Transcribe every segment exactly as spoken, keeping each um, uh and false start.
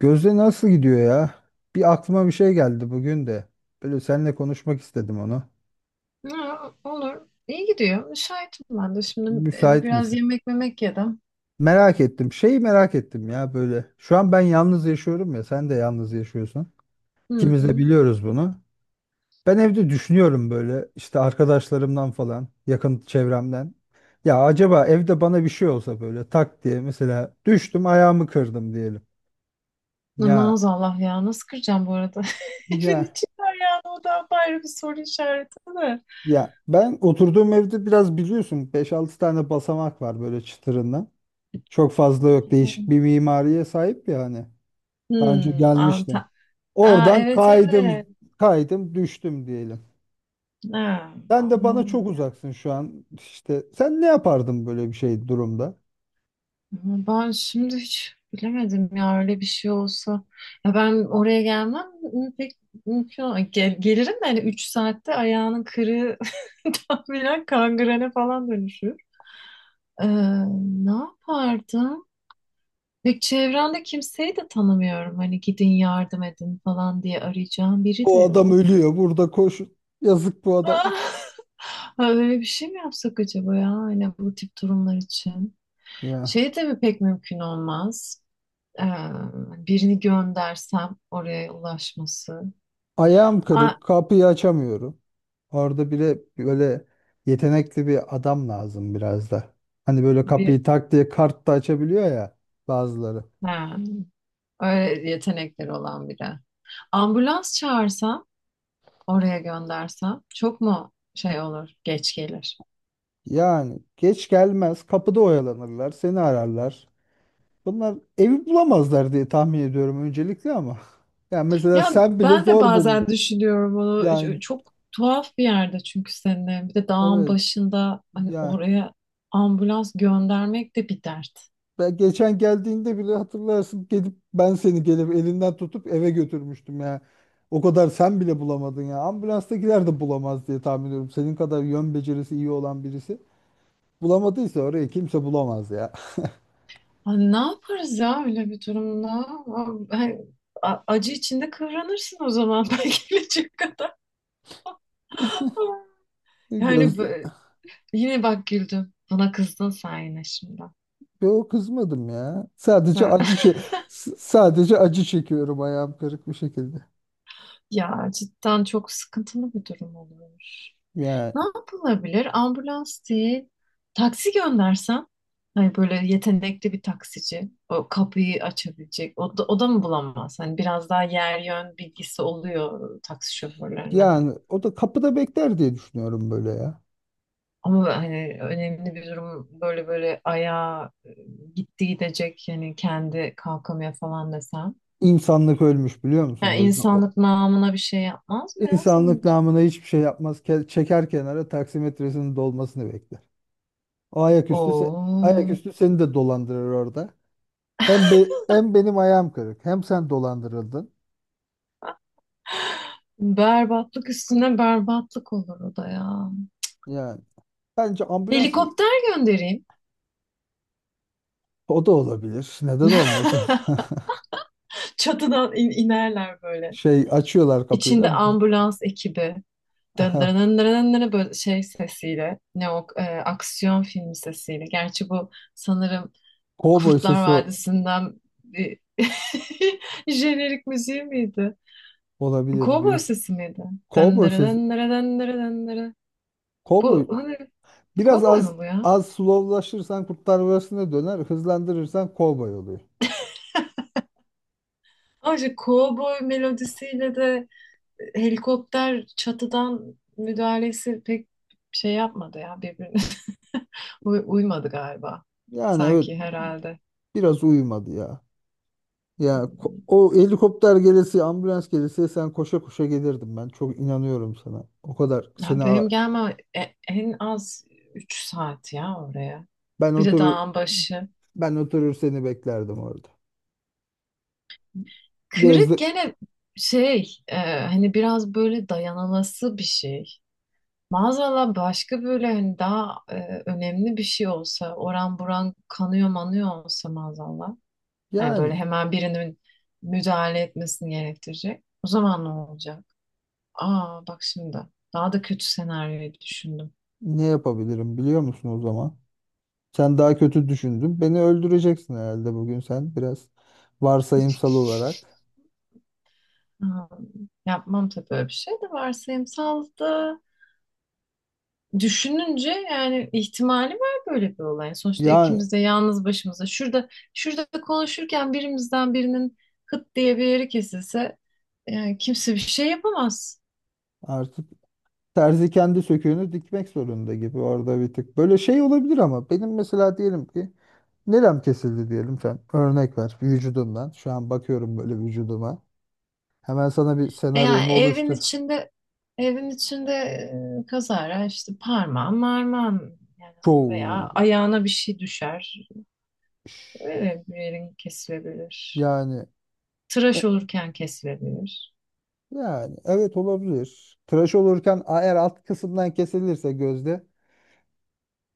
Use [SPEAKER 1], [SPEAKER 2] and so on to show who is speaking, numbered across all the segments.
[SPEAKER 1] Gözde nasıl gidiyor ya? Bir aklıma bir şey geldi bugün de. Böyle seninle konuşmak istedim onu.
[SPEAKER 2] Ha, olur. İyi gidiyor. Müsaitim ben de. Şimdi e,
[SPEAKER 1] Müsait
[SPEAKER 2] biraz
[SPEAKER 1] misin?
[SPEAKER 2] yemek memek yedim.
[SPEAKER 1] Merak ettim. Şeyi merak ettim ya böyle. Şu an ben yalnız yaşıyorum ya. Sen de yalnız yaşıyorsun.
[SPEAKER 2] Hı
[SPEAKER 1] İkimiz de
[SPEAKER 2] hı.
[SPEAKER 1] biliyoruz bunu. Ben evde düşünüyorum böyle işte arkadaşlarımdan falan, yakın çevremden. Ya acaba evde bana bir şey olsa böyle tak diye mesela düştüm ayağımı kırdım diyelim.
[SPEAKER 2] Ne
[SPEAKER 1] Ya
[SPEAKER 2] Maazallah ya. Nasıl kıracağım bu arada? Evin
[SPEAKER 1] ya
[SPEAKER 2] içi var yani. O da ayrı bir soru işareti de.
[SPEAKER 1] ya ben oturduğum evde biraz biliyorsun Beş altı tane basamak var böyle çıtırından. Çok fazla yok. Değişik bir mimariye sahip ya hani. Daha önce
[SPEAKER 2] Hmm,
[SPEAKER 1] gelmiştim.
[SPEAKER 2] Antalya. Aa,
[SPEAKER 1] Oradan
[SPEAKER 2] evet
[SPEAKER 1] kaydım,
[SPEAKER 2] evet.
[SPEAKER 1] kaydım, düştüm diyelim.
[SPEAKER 2] Ha,
[SPEAKER 1] Sen de
[SPEAKER 2] aman.
[SPEAKER 1] bana çok
[SPEAKER 2] Ya.
[SPEAKER 1] uzaksın şu an. İşte sen ne yapardın böyle bir şey durumda?
[SPEAKER 2] Ama ben şimdi hiç bilemedim ya öyle bir şey olsa. Ya ben oraya gelmem m- pek mümkün ol- Gel, gelirim de hani üç saatte ayağının kırığı tahminen kangrene falan dönüşür. Ee, ne yapardım? Ve çevremde kimseyi de tanımıyorum. Hani gidin yardım edin falan diye arayacağım biri de
[SPEAKER 1] O adam
[SPEAKER 2] yok.
[SPEAKER 1] ölüyor. Burada koş. Yazık bu adama.
[SPEAKER 2] Ha, böyle bir şey mi yapsak acaba ya? Hani bu tip durumlar için.
[SPEAKER 1] Ya.
[SPEAKER 2] Şey tabii pek mümkün olmaz. Ee, birini göndersem oraya ulaşması.
[SPEAKER 1] Ayağım
[SPEAKER 2] Aa,
[SPEAKER 1] kırık. Kapıyı açamıyorum. Orada bile böyle yetenekli bir adam lazım biraz da. Hani böyle
[SPEAKER 2] bir,
[SPEAKER 1] kapıyı tak diye kart da açabiliyor ya bazıları.
[SPEAKER 2] ha, öyle yetenekleri olan biri. Ambulans çağırsam, oraya göndersem çok mu şey olur, geç gelir?
[SPEAKER 1] Yani geç gelmez, kapıda oyalanırlar, seni ararlar. Bunlar evi bulamazlar diye tahmin ediyorum öncelikle ama. Yani mesela
[SPEAKER 2] Ya
[SPEAKER 1] sen bile
[SPEAKER 2] ben de
[SPEAKER 1] zor bul.
[SPEAKER 2] bazen düşünüyorum onu.
[SPEAKER 1] Yani
[SPEAKER 2] Ç- Çok tuhaf bir yerde çünkü senin. Bir de dağın
[SPEAKER 1] evet
[SPEAKER 2] başında hani
[SPEAKER 1] yani
[SPEAKER 2] oraya ambulans göndermek de bir dert.
[SPEAKER 1] ben geçen geldiğinde bile hatırlarsın gelip ben seni gelip elinden tutup eve götürmüştüm ya. O kadar sen bile bulamadın ya. Ambulanstakiler de bulamaz diye tahmin ediyorum. Senin kadar yön becerisi iyi olan birisi bulamadıysa orayı kimse bulamaz ya.
[SPEAKER 2] Hani ne yaparız ya öyle bir durumda? A- hani a- acı içinde kıvranırsın o zaman belki gelecek kadar. Yani
[SPEAKER 1] Göz,
[SPEAKER 2] bö- yine bak güldüm. Buna kızdın sen yine şimdi.
[SPEAKER 1] yo kızmadım ya. Sadece acı çe s- sadece acı çekiyorum ayağım kırık bir şekilde.
[SPEAKER 2] Ya cidden çok sıkıntılı bir durum olur.
[SPEAKER 1] Yani
[SPEAKER 2] Ne yapılabilir? Ambulans değil. Taksi göndersen. Hani böyle yetenekli bir taksici. O kapıyı açabilecek. O da, o da mı bulamaz? Hani biraz daha yer yön bilgisi oluyor taksi şoförlerinin.
[SPEAKER 1] yani o da kapıda bekler diye düşünüyorum böyle ya.
[SPEAKER 2] Ama hani önemli bir durum böyle böyle ayağa e, gitti gidecek yani kendi kalkamıyor falan desem.
[SPEAKER 1] İnsanlık ölmüş biliyor musun
[SPEAKER 2] Yani
[SPEAKER 1] gözüne? O
[SPEAKER 2] insanlık namına bir şey yapmaz mı ya
[SPEAKER 1] insanlık
[SPEAKER 2] sence?
[SPEAKER 1] namına hiçbir şey yapmaz. Ke- çeker kenara taksimetresinin dolmasını bekler. O ayaküstü se
[SPEAKER 2] Oo.
[SPEAKER 1] ayaküstü seni de dolandırır orada. Hem be hem benim ayağım kırık hem sen dolandırıldın.
[SPEAKER 2] Berbatlık üstüne berbatlık olur o da ya.
[SPEAKER 1] Yani bence ambulans iyi-
[SPEAKER 2] Helikopter göndereyim.
[SPEAKER 1] o da olabilir. Neden olmasın?
[SPEAKER 2] Çatıdan in- inerler böyle.
[SPEAKER 1] Şey açıyorlar kapıyı da.
[SPEAKER 2] İçinde ambulans ekibi. Dın dın
[SPEAKER 1] Aha,
[SPEAKER 2] dın dın dın böyle şey sesiyle. Ne o e, aksiyon filmi sesiyle. Gerçi bu sanırım
[SPEAKER 1] cowboy
[SPEAKER 2] Kurtlar
[SPEAKER 1] sesi o-
[SPEAKER 2] Vadisi'nden bir jenerik müziği miydi?
[SPEAKER 1] olabilir
[SPEAKER 2] Kovboy
[SPEAKER 1] büyük.
[SPEAKER 2] sesi miydi? Dın
[SPEAKER 1] Cowboy
[SPEAKER 2] dırı
[SPEAKER 1] sesi.
[SPEAKER 2] dın dırı dın dırı dın dırı. Bu
[SPEAKER 1] Cowboy.
[SPEAKER 2] hani
[SPEAKER 1] Biraz
[SPEAKER 2] kovboy
[SPEAKER 1] az
[SPEAKER 2] mu bu ya?
[SPEAKER 1] az slowlaşırsan Kurtlar Vadisi'ne döner. Hızlandırırsan cowboy oluyor.
[SPEAKER 2] Ayrıca kovboy melodisiyle de helikopter çatıdan müdahalesi pek şey yapmadı ya birbirine. Uy- uymadı galiba
[SPEAKER 1] Yani evet
[SPEAKER 2] sanki herhalde.
[SPEAKER 1] biraz uyumadı ya. Ya ko-
[SPEAKER 2] Hmm,
[SPEAKER 1] o helikopter gelesi, ambulans gelesi sen koşa koşa gelirdim ben. Çok inanıyorum sana. O kadar
[SPEAKER 2] ya
[SPEAKER 1] seni a-
[SPEAKER 2] benim gelmem e- en az üç saat ya oraya.
[SPEAKER 1] ben
[SPEAKER 2] Bir de
[SPEAKER 1] oturur
[SPEAKER 2] dağın başı.
[SPEAKER 1] ben oturur seni beklerdim orada.
[SPEAKER 2] Kırık
[SPEAKER 1] Gözle
[SPEAKER 2] gene şey e, hani biraz böyle dayanılası bir şey. Maazallah başka böyle hani daha e, önemli bir şey olsa oran buran kanıyor manıyor olsa maazallah. Yani böyle
[SPEAKER 1] yani
[SPEAKER 2] hemen birinin müdahale etmesini gerektirecek. O zaman ne olacak? Aa bak şimdi daha da kötü senaryoyu düşündüm.
[SPEAKER 1] ne yapabilirim biliyor musun o zaman? Sen daha kötü düşündün. Beni öldüreceksin herhalde bugün sen biraz varsayımsal olarak.
[SPEAKER 2] Aa, yapmam tabii öyle bir şey de, varsayımsal da düşününce yani ihtimali var böyle bir olay. Yani sonuçta
[SPEAKER 1] Yani
[SPEAKER 2] ikimiz de yalnız başımıza şurada şurada konuşurken birimizden birinin hıt diye bir yeri kesilse yani kimse bir şey yapamaz.
[SPEAKER 1] artık terzi kendi söküğünü dikmek zorunda gibi orada bir tık. Böyle şey olabilir ama benim mesela diyelim ki nerem kesildi diyelim sen. Örnek ver vücudumdan. Şu an bakıyorum böyle vücuduma. Hemen sana bir
[SPEAKER 2] E, Yani
[SPEAKER 1] senaryomu
[SPEAKER 2] evin
[SPEAKER 1] oluştur.
[SPEAKER 2] içinde evin içinde e, kazara işte parmağın marmağın yani
[SPEAKER 1] Çoğu
[SPEAKER 2] veya ayağına bir şey düşer.
[SPEAKER 1] iş.
[SPEAKER 2] Öyle bir yerin kesilebilir.
[SPEAKER 1] yani e,
[SPEAKER 2] Tıraş olurken kesilebilir.
[SPEAKER 1] yani evet olabilir. Tıraş olurken eğer alt kısımdan kesilirse gözde,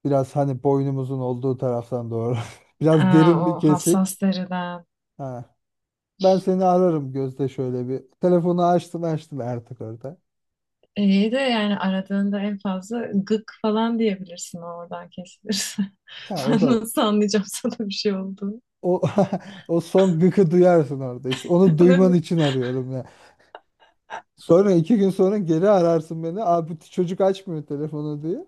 [SPEAKER 1] biraz hani boynumuzun olduğu taraftan doğru. Biraz
[SPEAKER 2] Aa,
[SPEAKER 1] derin bir
[SPEAKER 2] o hassas
[SPEAKER 1] kesik.
[SPEAKER 2] deriden.
[SPEAKER 1] Ha. Ben seni ararım Gözde şöyle bir. Telefonu açtım açtım artık orada.
[SPEAKER 2] İyi de yani aradığında en fazla gık falan diyebilirsin oradan kesilirse.
[SPEAKER 1] Ya o
[SPEAKER 2] Ben
[SPEAKER 1] da
[SPEAKER 2] nasıl anlayacağım sana bir şey oldu?
[SPEAKER 1] o o son gıkı duyarsın orada işte. Onu duyman için arıyorum ya. Sonra iki gün sonra geri ararsın beni. Abi bu çocuk açmıyor telefonu diye.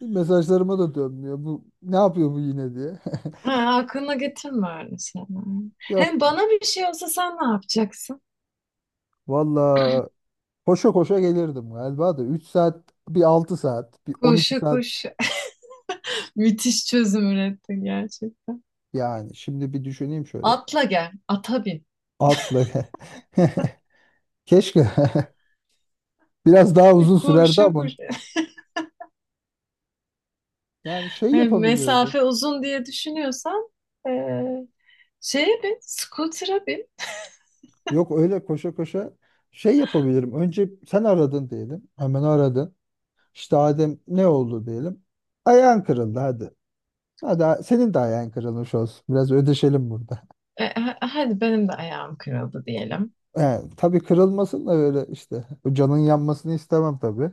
[SPEAKER 1] Mesajlarıma da dönmüyor. Bu ne yapıyor bu yine diye.
[SPEAKER 2] Ha, aklına getirme öyle şeyler.
[SPEAKER 1] Yok.
[SPEAKER 2] Hem bana bir şey olsa sen ne yapacaksın?
[SPEAKER 1] Valla koşa koşa gelirdim galiba da üç saat bir altı saat bir on iki
[SPEAKER 2] Koşa
[SPEAKER 1] saat
[SPEAKER 2] koş. Müthiş çözüm ürettin gerçekten.
[SPEAKER 1] Yani şimdi bir düşüneyim şöyle.
[SPEAKER 2] Atla gel, ata bin.
[SPEAKER 1] Atla. Keşke. Biraz daha uzun sürerdi
[SPEAKER 2] Koşa
[SPEAKER 1] ama.
[SPEAKER 2] koşa.
[SPEAKER 1] Yani şey
[SPEAKER 2] Yani
[SPEAKER 1] yapabilirdi.
[SPEAKER 2] mesafe uzun diye düşünüyorsan eee şeye bin, scooter'a bin.
[SPEAKER 1] Yok öyle koşa koşa şey yapabilirim. Önce sen aradın diyelim. Hemen aradın. İşte Adem ne oldu diyelim. Ayağın kırıldı hadi. Hadi a- senin de ayağın kırılmış olsun. Biraz ödeşelim burada.
[SPEAKER 2] E, ha- hadi benim de ayağım kırıldı diyelim.
[SPEAKER 1] Yani, tabii kırılmasın da öyle işte. O canın yanmasını istemem tabii.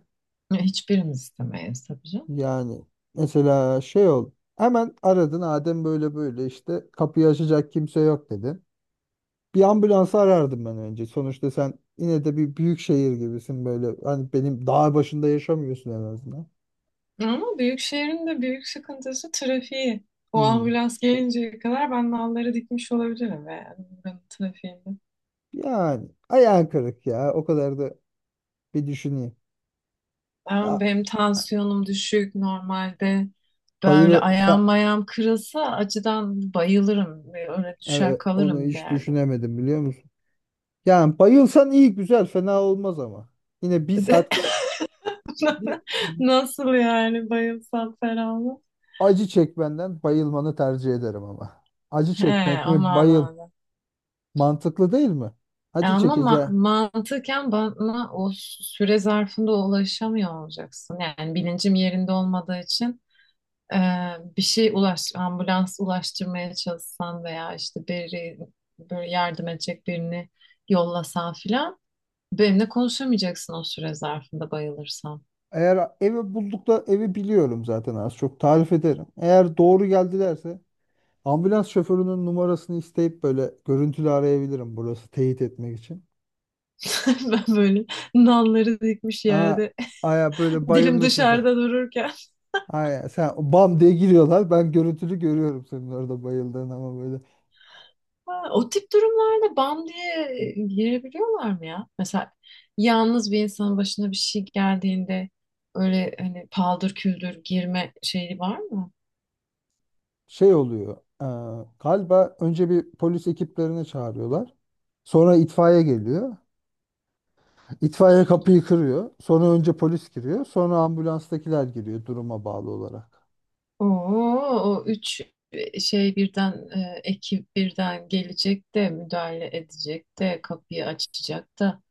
[SPEAKER 2] E, hiçbirimiz istemeyiz tabii canım.
[SPEAKER 1] Yani mesela şey ol. Hemen aradın Adem böyle böyle işte kapıyı açacak kimse yok dedi. Bir ambulansı arardım ben önce. Sonuçta sen yine de bir büyük şehir gibisin böyle. Hani benim dağ başında yaşamıyorsun en azından.
[SPEAKER 2] Ama büyük şehrin de büyük sıkıntısı trafiği. O
[SPEAKER 1] Hmm.
[SPEAKER 2] ambulans gelinceye kadar ben nalları dikmiş olabilirim ve yani buranın trafiğinde.
[SPEAKER 1] Yani ayağın kırık ya. O kadar da bir düşüneyim.
[SPEAKER 2] Ben,
[SPEAKER 1] Ya
[SPEAKER 2] benim tansiyonum düşük normalde. Böyle ayağım
[SPEAKER 1] bayılırsa
[SPEAKER 2] mayağım kırılsa acıdan bayılırım. Öyle düşer
[SPEAKER 1] evet, onu
[SPEAKER 2] kalırım bir
[SPEAKER 1] hiç
[SPEAKER 2] yerde.
[SPEAKER 1] düşünemedim biliyor musun? Yani bayılsan iyi güzel fena olmaz ama. Yine bir saat bir,
[SPEAKER 2] Nasıl yani bayılsam ferahlı?
[SPEAKER 1] acı çekmenden bayılmanı tercih ederim ama. Acı
[SPEAKER 2] He,
[SPEAKER 1] çekmek
[SPEAKER 2] o
[SPEAKER 1] mi bayıl?
[SPEAKER 2] manada.
[SPEAKER 1] Mantıklı değil mi?
[SPEAKER 2] E
[SPEAKER 1] Acı
[SPEAKER 2] ama ma-
[SPEAKER 1] çekeceğim.
[SPEAKER 2] mantıken bana o süre zarfında ulaşamıyor olacaksın. Yani bilincim yerinde olmadığı için Ee, bir şey ulaş, ambulans ulaştırmaya çalışsan veya işte biri böyle yardım edecek birini yollasan filan benimle konuşamayacaksın o süre zarfında bayılırsam.
[SPEAKER 1] Eğer evi bulduk da evi biliyorum zaten az çok tarif ederim. Eğer doğru geldilerse ambulans şoförünün numarasını isteyip böyle görüntülü arayabilirim burası teyit etmek için.
[SPEAKER 2] Ben böyle nalları dikmiş
[SPEAKER 1] Aa,
[SPEAKER 2] yerde
[SPEAKER 1] aya böyle
[SPEAKER 2] dilim
[SPEAKER 1] bayılmışsın sen.
[SPEAKER 2] dışarıda dururken.
[SPEAKER 1] Aya sen bam diye giriyorlar. Ben görüntülü görüyorum senin orada bayıldığın ama böyle.
[SPEAKER 2] Ha, o tip durumlarda bam diye girebiliyorlar mı ya? Mesela yalnız bir insanın başına bir şey geldiğinde öyle hani paldır küldür girme şeyi var mı?
[SPEAKER 1] Şey oluyor. e, Galiba önce bir polis ekiplerini çağırıyorlar. Sonra itfaiye geliyor. İtfaiye kapıyı kırıyor. Sonra önce polis giriyor. Sonra ambulanstakiler giriyor duruma bağlı olarak.
[SPEAKER 2] Oo, o üç şey birden e, ekip birden gelecek de müdahale edecek de kapıyı açacak da.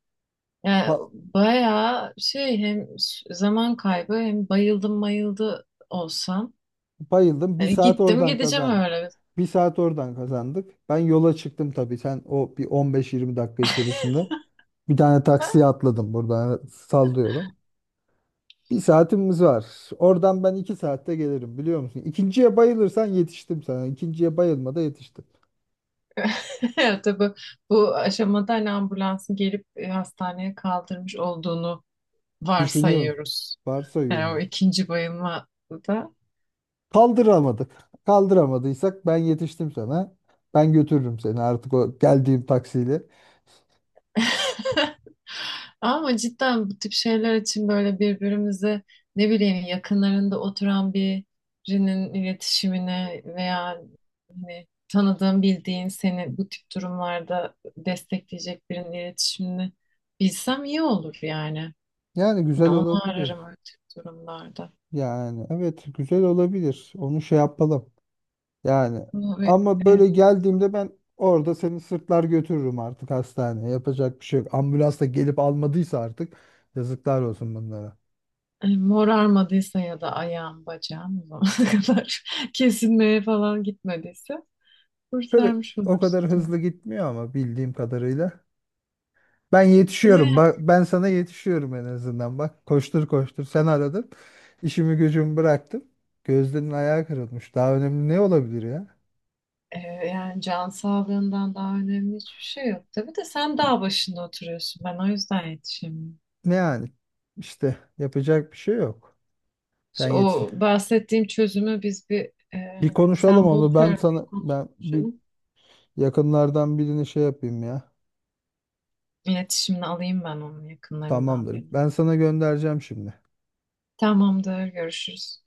[SPEAKER 2] Yani
[SPEAKER 1] Ka-
[SPEAKER 2] bayağı şey hem s- zaman kaybı hem bayıldım mayıldı olsam.
[SPEAKER 1] Bayıldım. Bir
[SPEAKER 2] Yani
[SPEAKER 1] saat
[SPEAKER 2] gittim
[SPEAKER 1] oradan
[SPEAKER 2] gideceğim
[SPEAKER 1] kazandım.
[SPEAKER 2] öyle.
[SPEAKER 1] Bir saat oradan kazandık. Ben yola çıktım tabii. Sen o bir on beş yirmi dakika içerisinde. Bir tane taksiye atladım buradan sallıyorum. Bir saatimiz var. Oradan ben iki saatte gelirim biliyor musun? İkinciye bayılırsan yetiştim sana. İkinciye bayılmada yetiştim.
[SPEAKER 2] Ya tabii bu aşamada hani ambulansın gelip e, hastaneye kaldırmış olduğunu
[SPEAKER 1] Düşünüyorum.
[SPEAKER 2] varsayıyoruz.
[SPEAKER 1] Varsayıyor
[SPEAKER 2] Yani o
[SPEAKER 1] muyuz?
[SPEAKER 2] ikinci bayılmada.
[SPEAKER 1] Kaldıramadık. Kaldıramadıysak ben yetiştim sana. Ben götürürüm seni artık o geldiğim taksiyle.
[SPEAKER 2] Ama cidden bu tip şeyler için böyle birbirimizi ne bileyim yakınlarında oturan birinin iletişimine veya hani tanıdığın bildiğin seni bu tip durumlarda destekleyecek birinin iletişimini bilsem iyi olur yani.
[SPEAKER 1] Yani
[SPEAKER 2] Hani
[SPEAKER 1] güzel
[SPEAKER 2] onu
[SPEAKER 1] olabilir.
[SPEAKER 2] ararım öyle tip durumlarda.
[SPEAKER 1] Yani evet güzel olabilir. Onu şey yapalım. Yani
[SPEAKER 2] Ama ve-
[SPEAKER 1] ama
[SPEAKER 2] e,
[SPEAKER 1] böyle geldiğimde ben orada seni sırtlar götürürüm artık hastaneye. Yapacak bir şey yok. Ambulans da gelip almadıysa artık yazıklar olsun bunlara.
[SPEAKER 2] e, Morarmadıysa ya da ayağım bacağım o zamana kadar kesilmeye falan gitmediyse
[SPEAKER 1] Kır
[SPEAKER 2] kurtarmış
[SPEAKER 1] O kadar
[SPEAKER 2] olursun.
[SPEAKER 1] hızlı gitmiyor ama bildiğim kadarıyla. Ben
[SPEAKER 2] Bize
[SPEAKER 1] yetişiyorum. Bak ben sana yetişiyorum en azından. Bak koştur koştur sen aradın. İşimi gücümü bıraktım. Gözlerinin ayağı kırılmış. Daha önemli ne olabilir ya?
[SPEAKER 2] Ee, yani can sağlığından daha önemli hiçbir şey yok. Tabii de sen dağ başında oturuyorsun. Ben o yüzden yetişemiyorum.
[SPEAKER 1] Ne yani? İşte yapacak bir şey yok. Sen
[SPEAKER 2] İşte
[SPEAKER 1] yetiş.
[SPEAKER 2] o bahsettiğim çözümü biz bir e,
[SPEAKER 1] Bir
[SPEAKER 2] hani
[SPEAKER 1] konuşalım
[SPEAKER 2] sen bul
[SPEAKER 1] onu.
[SPEAKER 2] şöyle
[SPEAKER 1] Ben
[SPEAKER 2] bir
[SPEAKER 1] sana ben bir
[SPEAKER 2] konuşalım.
[SPEAKER 1] yakınlardan birini şey yapayım ya.
[SPEAKER 2] İletişimini alayım ben onun yakınlarından
[SPEAKER 1] Tamamdır.
[SPEAKER 2] birini.
[SPEAKER 1] Ben sana göndereceğim şimdi.
[SPEAKER 2] Tamamdır, görüşürüz.